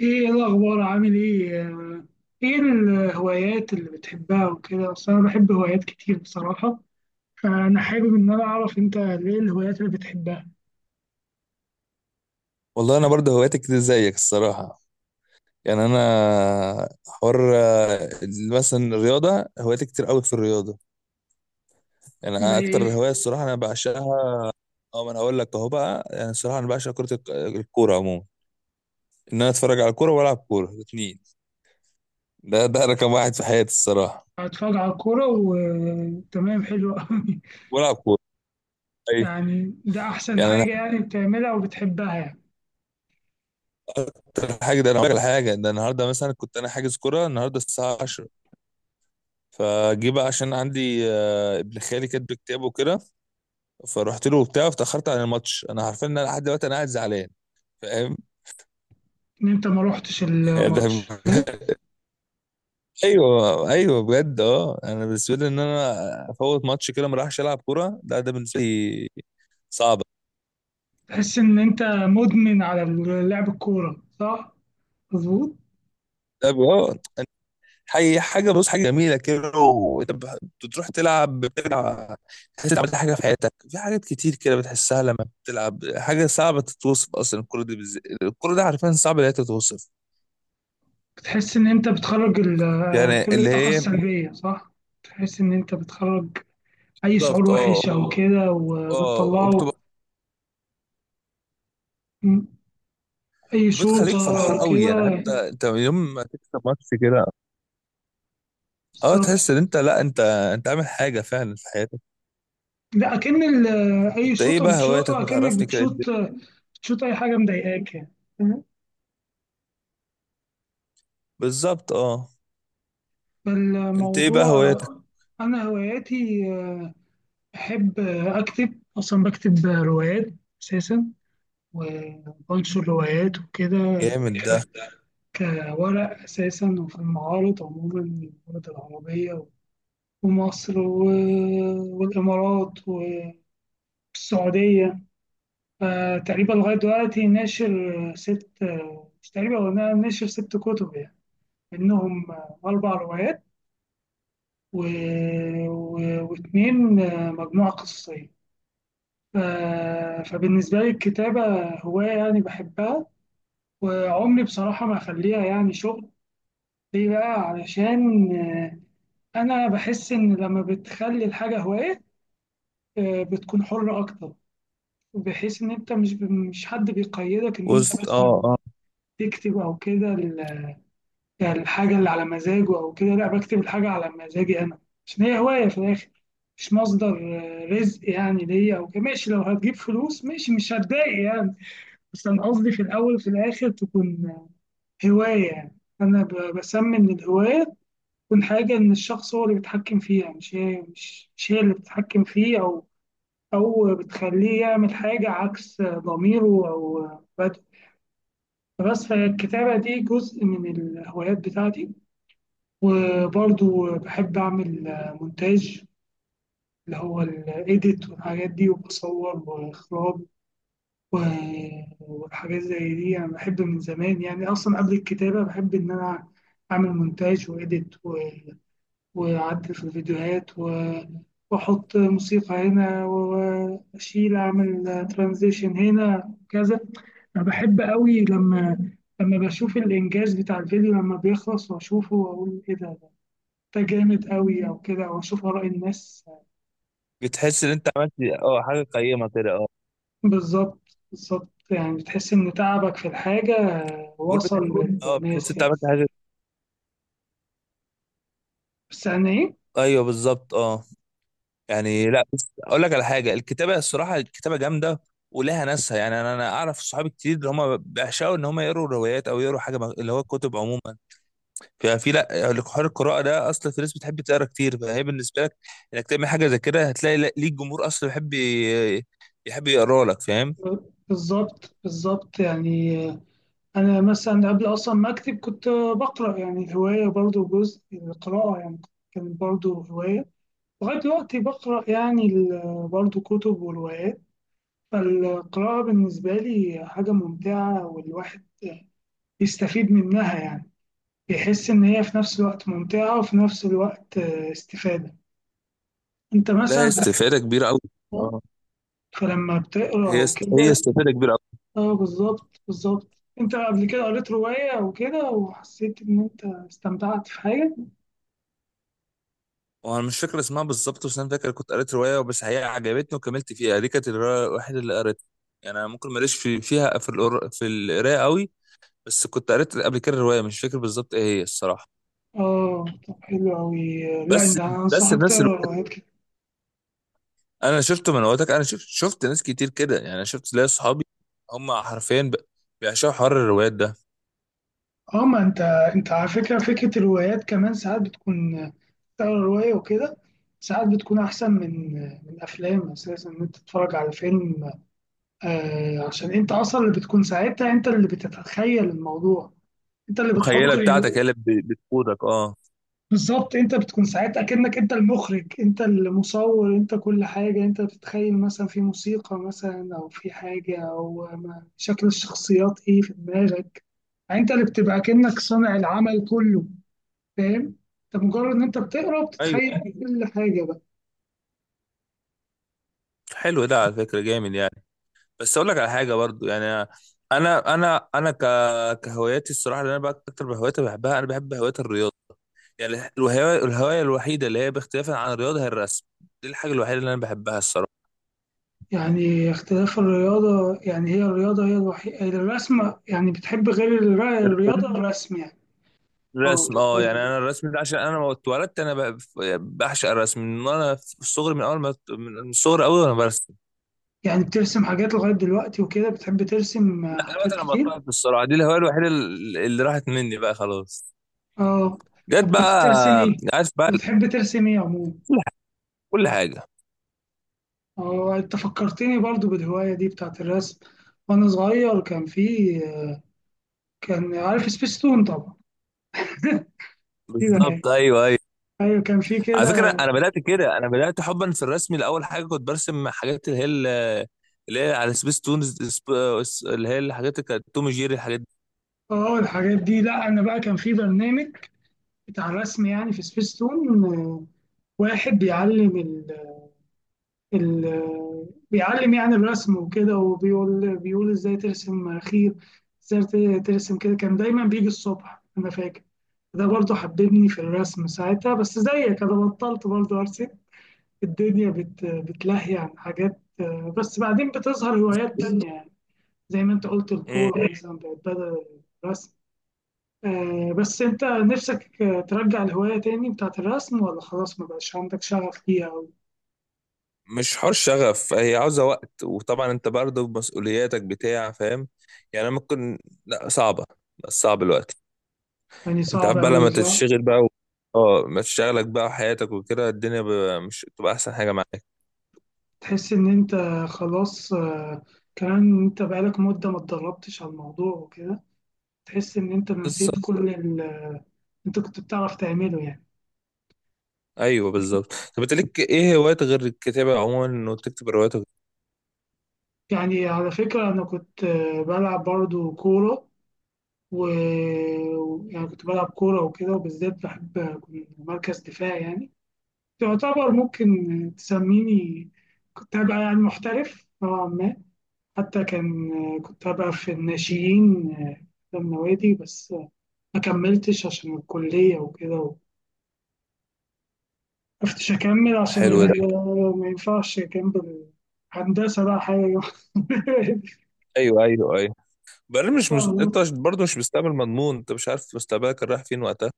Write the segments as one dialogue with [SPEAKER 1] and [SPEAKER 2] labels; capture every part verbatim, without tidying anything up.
[SPEAKER 1] ايه إيه الاخبار، عامل ايه؟ آه، ايه الهوايات اللي بتحبها وكده؟ اصل انا بحب هوايات كتير بصراحه، فانا حابب ان انا اعرف انت ايه الهوايات اللي بتحبها.
[SPEAKER 2] والله انا برضه هواياتي كتير زيك الصراحه. يعني انا حوار آه، مثلا الرياضه هواياتي كتير قوي في الرياضه. يعني
[SPEAKER 1] زي
[SPEAKER 2] أنا اكتر
[SPEAKER 1] ايه؟
[SPEAKER 2] هوايه الصراحه انا بعشقها. اه ما انا هقول لك اهو بقى، يعني الصراحه انا بعشق كره الك- الكوره عموما، ان انا اتفرج على الكوره والعب كوره الاثنين. ده ده رقم واحد في حياتي الصراحه.
[SPEAKER 1] اتفرج على الكوره؟ وتمام، حلو قوي.
[SPEAKER 2] والعب كوره. ايوه.
[SPEAKER 1] يعني ده احسن
[SPEAKER 2] يعني انا
[SPEAKER 1] حاجه يعني بتعملها وبتحبها يعني؟
[SPEAKER 2] حتى الحاجه ده انا هقول لك على حاجه، ده النهارده مثلا كنت انا حاجز كوره النهارده الساعه عشره، فجه بقى عشان عندي آه، ابن خالي كاتب كتابه كده، فرحت له وبتاع فتأخرت عن الماتش، انا عارفين ان انا لحد دلوقتي انا قاعد زعلان. فاهم؟
[SPEAKER 1] ان انت ما روحتش
[SPEAKER 2] ده
[SPEAKER 1] الماتش، ها؟
[SPEAKER 2] ايوه ايوه بجد اه. انا بالنسبه لي ان انا افوت ماتش كده ما راحش العب كوره، ده ده بالنسبه لي صعبه.
[SPEAKER 1] تحس ان انت مدمن على لعب الكوره، صح؟ مظبوط.
[SPEAKER 2] ده ب- اه حي- حاجه بص، حاجه جميله كده وانت بح- بتروح تلعب، بتلعب تحس انت عملت حاجه في حياتك، في حاجات كتير كده بتحسها لما بتلعب. حاجه صعبه تتوصف اصلا الكوره دي، بالذات الكوره دي عارفين صعب ان هي تتوصف.
[SPEAKER 1] بتحس ان انت بتخرج ال-
[SPEAKER 2] يعني
[SPEAKER 1] كل
[SPEAKER 2] اللي
[SPEAKER 1] الطاقه
[SPEAKER 2] هي
[SPEAKER 1] السلبيه، صح؟ تحس ان انت بتخرج أي شعور
[SPEAKER 2] بالظبط اه
[SPEAKER 1] وحش أو كده،
[SPEAKER 2] اه.
[SPEAKER 1] وبتطلعه. أي
[SPEAKER 2] وبتخليك
[SPEAKER 1] شوطة
[SPEAKER 2] فرحان
[SPEAKER 1] أو
[SPEAKER 2] قوي يعني،
[SPEAKER 1] كده.
[SPEAKER 2] حتى انت يوم ما تكسب ماتش كده، اه
[SPEAKER 1] بالظبط.
[SPEAKER 2] تحس ان انت لا انت انت عامل حاجه فعلا في حياتك.
[SPEAKER 1] لا، أكن ال- أي
[SPEAKER 2] انت ايه
[SPEAKER 1] شوطة
[SPEAKER 2] بقى هواياتك؟
[SPEAKER 1] بتشوطها أكنك
[SPEAKER 2] بتعرفني كده
[SPEAKER 1] بتشوط
[SPEAKER 2] الدنيا.
[SPEAKER 1] بتشوط أي حاجة مضايقاك يعني. فاهم؟
[SPEAKER 2] بالظبط اه. انت ايه بقى
[SPEAKER 1] فالموضوع.
[SPEAKER 2] هواياتك؟
[SPEAKER 1] أنا هواياتي، آه، بحب، آه، أكتب، أصلا بكتب روايات أساسا، وبنشر روايات وكده.
[SPEAKER 2] جامد ده.
[SPEAKER 1] ك- كورق أساسا، وفي المعارض عموما، المعارض العربية، ومصر و- والإمارات والسعودية. آه، تقريبا لغاية دلوقتي ناشر ست، آه، مش تقريبا، هو نا- ناشر ست كتب يعني، منهم آه، أربع روايات، و... و... واتنين، آه، مجموعة قصصية. ف... فبالنسبة لي الكتابة هواية يعني بحبها، وعمري بصراحة ما أخليها يعني شغل. ليه بقى؟ علشان، آه، أنا بحس إن لما بتخلي الحاجة هواية، آه، بتكون حرة أكتر، بحيث ان انت مش مش حد بيقيدك ان انت
[SPEAKER 2] وسط اه
[SPEAKER 1] مثلا
[SPEAKER 2] اه.
[SPEAKER 1] تكتب او كده. ال- يعني الحاجه اللي على مزاجه او كده، لا، بكتب الحاجه على مزاجي انا، عشان هي هوايه في الاخر. مش مصدر، آه، رزق يعني ليا او كده، ماشي. لو هتجيب فلوس، ماشي، مش هتضايق يعني، بس انا قصدي في الاول وفي الاخر تكون هوايه. يعني انا ب- بسمي ان الهوايه تكون حاجه ان الشخص هو اللي بيتحكم فيها، مش هي مش مش هي اللي بتتحكم فيه، او او بتخليه يعمل حاجه عكس، آه، ضميره، او، آه، بس. فالكتابة دي جزء من الهوايات بتاعتي، وبرضو بحب أعمل مونتاج، اللي هو الإيديت والحاجات دي، وبصور وإخراج، و- وحاجات زي دي. أنا بحب من زمان يعني، أصلا قبل الكتابة بحب إن أنا أعمل مونتاج وإيديت، وأعدل في الفيديوهات، و... وأحط موسيقى هنا، و- وأشيل، أعمل ترانزيشن هنا كذا. أنا بحب قوي لما، لما بشوف الإنجاز بتاع الفيديو لما بيخلص، وأشوفه وأقول إيه ده، ده جامد قوي أو كده، أو أشوف آراء الناس.
[SPEAKER 2] بتحس ان انت عملت اه حاجه قيمه كده اه.
[SPEAKER 1] بالظبط، بالظبط، يعني بتحس إن تعبك في الحاجة
[SPEAKER 2] بقول
[SPEAKER 1] وصل
[SPEAKER 2] بتحس اه، بتحس
[SPEAKER 1] للناس
[SPEAKER 2] انت
[SPEAKER 1] يعني.
[SPEAKER 2] عملت حاجه.
[SPEAKER 1] بس يعني إيه.
[SPEAKER 2] ايوه بالظبط اه. يعني لا بس اقول لك على حاجه، الكتابه الصراحه الكتابه جامده، ولها ناسها يعني. انا انا اعرف صحابي كتير اللي هم بيعشقوا ان هم يقروا روايات او يقروا حاجه اللي هو كتب عموما. ففي لا لك حوار القراءه ده، اصلا في ناس بتحب تقرا كتير، فهي بالنسبه لك انك تعمل حاجه زي كده هتلاقي لا- ليك جمهور اصلا بيحب ي- يحب يقرا لك. فاهم؟
[SPEAKER 1] بالظبط، بالظبط، يعني أنا مثلا قبل أصلا ما أكتب كنت بقرأ، يعني الهواية برضو جزء من القراءة يعني، كانت برضو هواية. لغاية دلوقتي بقرأ يعني ال- برضو كتب وروايات، فالقراءة بالنسبة لي حاجة ممتعة، والواحد بيستفيد منها يعني. بيحس إن هي في نفس الوقت ممتعة، وفي نفس الوقت، آه، استفادة. أنت
[SPEAKER 2] لا هي
[SPEAKER 1] مثلا
[SPEAKER 2] استفاده كبيره قوي اه.
[SPEAKER 1] فلما بتقرأ
[SPEAKER 2] هي است... هي
[SPEAKER 1] وكده.
[SPEAKER 2] استفاده كبيره قوي.
[SPEAKER 1] اه، بالظبط، بالظبط. أنت قبل كده قريت رواية وكده وحسيت إن أنت استمتعت في حاجة؟
[SPEAKER 2] وانا مش فاكر اسمها بالظبط، بس انا فاكر كنت قريت روايه بس هي عجبتني وكملت فيها، دي كانت الروايه الوحيده اللي قريتها. يعني انا ممكن ماليش في فيها في القر... في القرايه قوي، بس كنت قريت قبل كده الروايه، مش فاكر بالظبط ايه هي الصراحه.
[SPEAKER 1] اه، طب حلو أوي. لا
[SPEAKER 2] بس
[SPEAKER 1] أنت،
[SPEAKER 2] بس
[SPEAKER 1] أنصحك
[SPEAKER 2] الناس
[SPEAKER 1] تقرا روايات كده.
[SPEAKER 2] انا شفته من وقتك، انا شفت شفت ناس كتير كده. يعني انا شفت ليا صحابي هم حرفيا ب- بيعشقوا حر الروايات ده.
[SPEAKER 1] اه، ما أنت، أنت على فكرة فكرة الروايات كمان ساعات بتكون، تقرا رواية وكده، ساعات بتكون أحسن من من أفلام أساسا، إن أنت تتفرج على فيلم، آه عشان أنت أصلا اللي بتكون ساعتها، أنت اللي بتتخيل الموضوع، أنت اللي بتحط
[SPEAKER 2] مخيله بتاعتك
[SPEAKER 1] ال-
[SPEAKER 2] هي اللي ب- بتقودك اه.
[SPEAKER 1] بالظبط. أنت بتكون ساعتها كأنك أنت المخرج، أنت المصور، أنت كل حاجة. أنت بتتخيل مثلا في موسيقى، مثلا أو في حاجة، أو ما- شكل الشخصيات إيه في دماغك. يعني انت اللي بتبقى كأنك صانع العمل كله، فاهم؟ انت مجرد ان انت بتقرا،
[SPEAKER 2] ايوه
[SPEAKER 1] بتتخيل كل حاجه بقى.
[SPEAKER 2] حلو ده على فكره جامد يعني. بس اقول لك على حاجه برضو يعني، انا انا انا ك... كهواياتي الصراحه، اللي انا بقى اكتر هوايات بحبها انا بحب هوايه الرياضه. يعني الهوايه الهوايه الوحيده اللي هي باختلافا عن الرياضه هي الرسم. دي الحاجه الوحيده اللي انا بحبها الصراحه.
[SPEAKER 1] يعني اختلاف الرياضه، يعني هي الرياضه هي الوحيده، الرسم. يعني بتحب غير الر- الرياضه الرسم يعني؟ اه،
[SPEAKER 2] الرسم اه. يعني انا الرسم ده عشان انا ما اتولدت انا ب- بعشق الرسم من وانا في الصغر، من اول ما من الصغر قوي وانا برسم.
[SPEAKER 1] يعني بترسم حاجات لغايه دلوقتي وكده، بتحب ترسم، آه،
[SPEAKER 2] لا دلوقتي
[SPEAKER 1] حاجات
[SPEAKER 2] انا
[SPEAKER 1] كتير؟
[SPEAKER 2] بطلت الصراحه، دي الهوايه الوحيده ال- اللي راحت مني بقى خلاص.
[SPEAKER 1] اه،
[SPEAKER 2] جت
[SPEAKER 1] طب
[SPEAKER 2] بقى.
[SPEAKER 1] كنت بترسم ايه؟
[SPEAKER 2] عارف بقى.
[SPEAKER 1] كنت بتحب ترسم ايه عموما؟
[SPEAKER 2] كل ح- كل حاجه.
[SPEAKER 1] اه، انت فكرتني برضو بالهوايه دي بتاعت الرسم. وانا صغير كان في، كان عارف سبيستون؟ طبعا.
[SPEAKER 2] بالظبط ايوه ايوه.
[SPEAKER 1] ايوه كان في
[SPEAKER 2] على فكره
[SPEAKER 1] كده.
[SPEAKER 2] انا بدات كده، انا بدات حبا في الرسم. لاول حاجه كنت برسم حاجات اللي هي ال- اللي هي على سبيس تونز، سب- اللي هي الحاجات اللي كانت توم جيري الحاجات
[SPEAKER 1] اه الحاجات دي. لا انا بقى، كان في برنامج بتاع رسم يعني في سبيستون، آه، واحد بيعلم ال... ال... آه، بيعلم يعني الرسم وكده، وبيقول بيقول ازاي ترسم خير، ازاي ت- ترسم كده. كان دايما بيجي الصبح، انا فاكر. ده برضه حببني في الرسم ساعتها، بس زيك انا بطلت برضه ارسم. الدنيا بت... بتلهي عن حاجات، آه، بس بعدين بتظهر هوايات تانية يعني، زي ما انت قلت
[SPEAKER 2] دي.
[SPEAKER 1] الكورة مثلا بقت بدل الرسم. آه، بس انت نفسك، آه، ترجع الهواية تاني بتاعت الرسم، ولا خلاص ما بقاش عندك شغف ليها أو؟
[SPEAKER 2] مش حوار شغف، هي عاوزة وقت، وطبعا انت برضه بمسؤولياتك بتاع. فاهم؟ يعني أنا ممكن لا صعبة، بس صعب الوقت.
[SPEAKER 1] يعني
[SPEAKER 2] انت
[SPEAKER 1] صعب
[SPEAKER 2] عارف بقى لما
[SPEAKER 1] أوي، صح؟
[SPEAKER 2] تشتغل بقى و... اه ما تشتغلك بقى وحياتك وكده الدنيا ب... مش تبقى احسن حاجة معاك.
[SPEAKER 1] تحس إن انت خلاص، آه، كمان انت بقالك مدة ما اتدربتش على الموضوع وكده، تحس إن انت نسيت
[SPEAKER 2] بالظبط.
[SPEAKER 1] كل اللي انت كنت بتعرف تعمله يعني.
[SPEAKER 2] ايوه بالظبط. طب انت ليك ايه هوايات غير الكتابة عموما انه تكتب روايات وكده؟
[SPEAKER 1] يعني على فكرة، أنا كنت، آه، بلعب برضو كورة، و و- يعني كنت بلعب كورة وكده، وبالذات بحب أكون مركز دفاع يعني. يعتبر، ممكن تسميني كنت هبقى يعني محترف نوعا ما. حتى كان، كنت هبقى في الناشئين في النوادي، بس ما كملتش عشان الكلية وكده. وقفتش أكمل عشان ال-
[SPEAKER 2] حلو ده.
[SPEAKER 1] ما ينفعش جنب الهندسة بقى حاجة.
[SPEAKER 2] ايوه ايوه ايوه. بعدين مش مس... انت مش- برضه مش مستقبل مضمون، انت مش عارف مستقبلك رايح فين وقتها.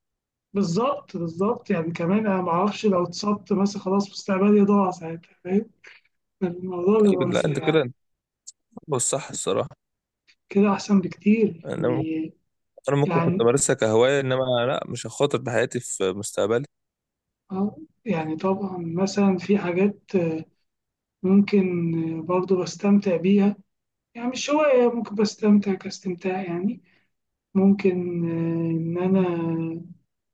[SPEAKER 1] بالظبط، بالظبط، يعني كمان أنا معرفش لو اتصبت مثلا خلاص مستقبلي ضاع ساعتها، فاهم؟ الموضوع
[SPEAKER 2] ايوه
[SPEAKER 1] بيبقى
[SPEAKER 2] لا انت
[SPEAKER 1] يعني،
[SPEAKER 2] كده انت بتفكر الصح الصراحة.
[SPEAKER 1] كده أحسن بكتير
[SPEAKER 2] انا
[SPEAKER 1] يعني.
[SPEAKER 2] انا ممكن كنت
[SPEAKER 1] يعني،
[SPEAKER 2] امارسها كهوايه، انما لا مش هخاطر بحياتي في مستقبلي.
[SPEAKER 1] آه، يعني طبعا مثلا في حاجات، آه، ممكن، آه، برضو بستمتع بيها، يعني مش هواية، ممكن بستمتع كاستمتاع يعني. ممكن، آه، إن أنا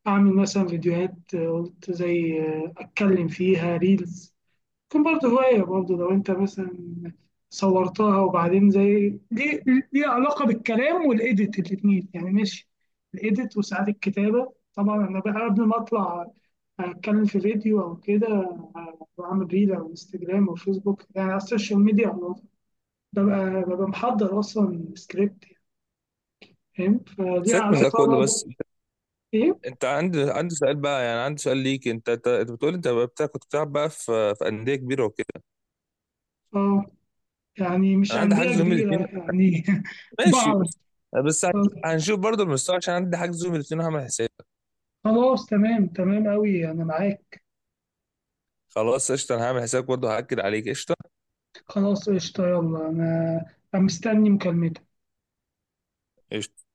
[SPEAKER 1] أعمل مثلا فيديوهات، آه، قلت زي، آه، أتكلم فيها ريلز. كان برضه هواية برضه، لو أنت مثلا صورتها، وبعدين زي ليه، ليه علاقة بالكلام والإيديت الاتنين يعني، ماشي، الإيديت وساعات الكتابة. طبعا أنا بقى قبل ما أطلع أتكلم في فيديو أو كده، آه، بعمل ريل على انستجرام أو فيسبوك يعني على السوشيال ميديا عموما. ببقى ببقى محضر أصلا سكريبت، فاهم؟ فليها
[SPEAKER 2] سيبك من ده
[SPEAKER 1] علاقة
[SPEAKER 2] كله. بس
[SPEAKER 1] برضه-
[SPEAKER 2] انت
[SPEAKER 1] إيه؟
[SPEAKER 2] أنت عندي عندي سؤال بقى، يعني عندي سؤال ليك. انت انت أنت بتقول انت بقى بتاع كنت بتلعب بقى في في انديه كبيره وكده.
[SPEAKER 1] آه، يعني مش
[SPEAKER 2] انا عندي
[SPEAKER 1] أندية
[SPEAKER 2] حجز يوم
[SPEAKER 1] كبيرة
[SPEAKER 2] الاثنين
[SPEAKER 1] يعني.
[SPEAKER 2] ماشي،
[SPEAKER 1] بعض.
[SPEAKER 2] بس بس هنش- هنشوف برضه المستوى، عشان عندي حجز يوم الاثنين هعمل حساب.
[SPEAKER 1] خلاص، تمام، تمام أوي، أنا معاك.
[SPEAKER 2] خلاص قشطه، انا هعمل حسابك برضه هاكد عليك. قشطه
[SPEAKER 1] خلاص قشطة، يلا، أنا أنا مستني مكالمتك.
[SPEAKER 2] قشطة.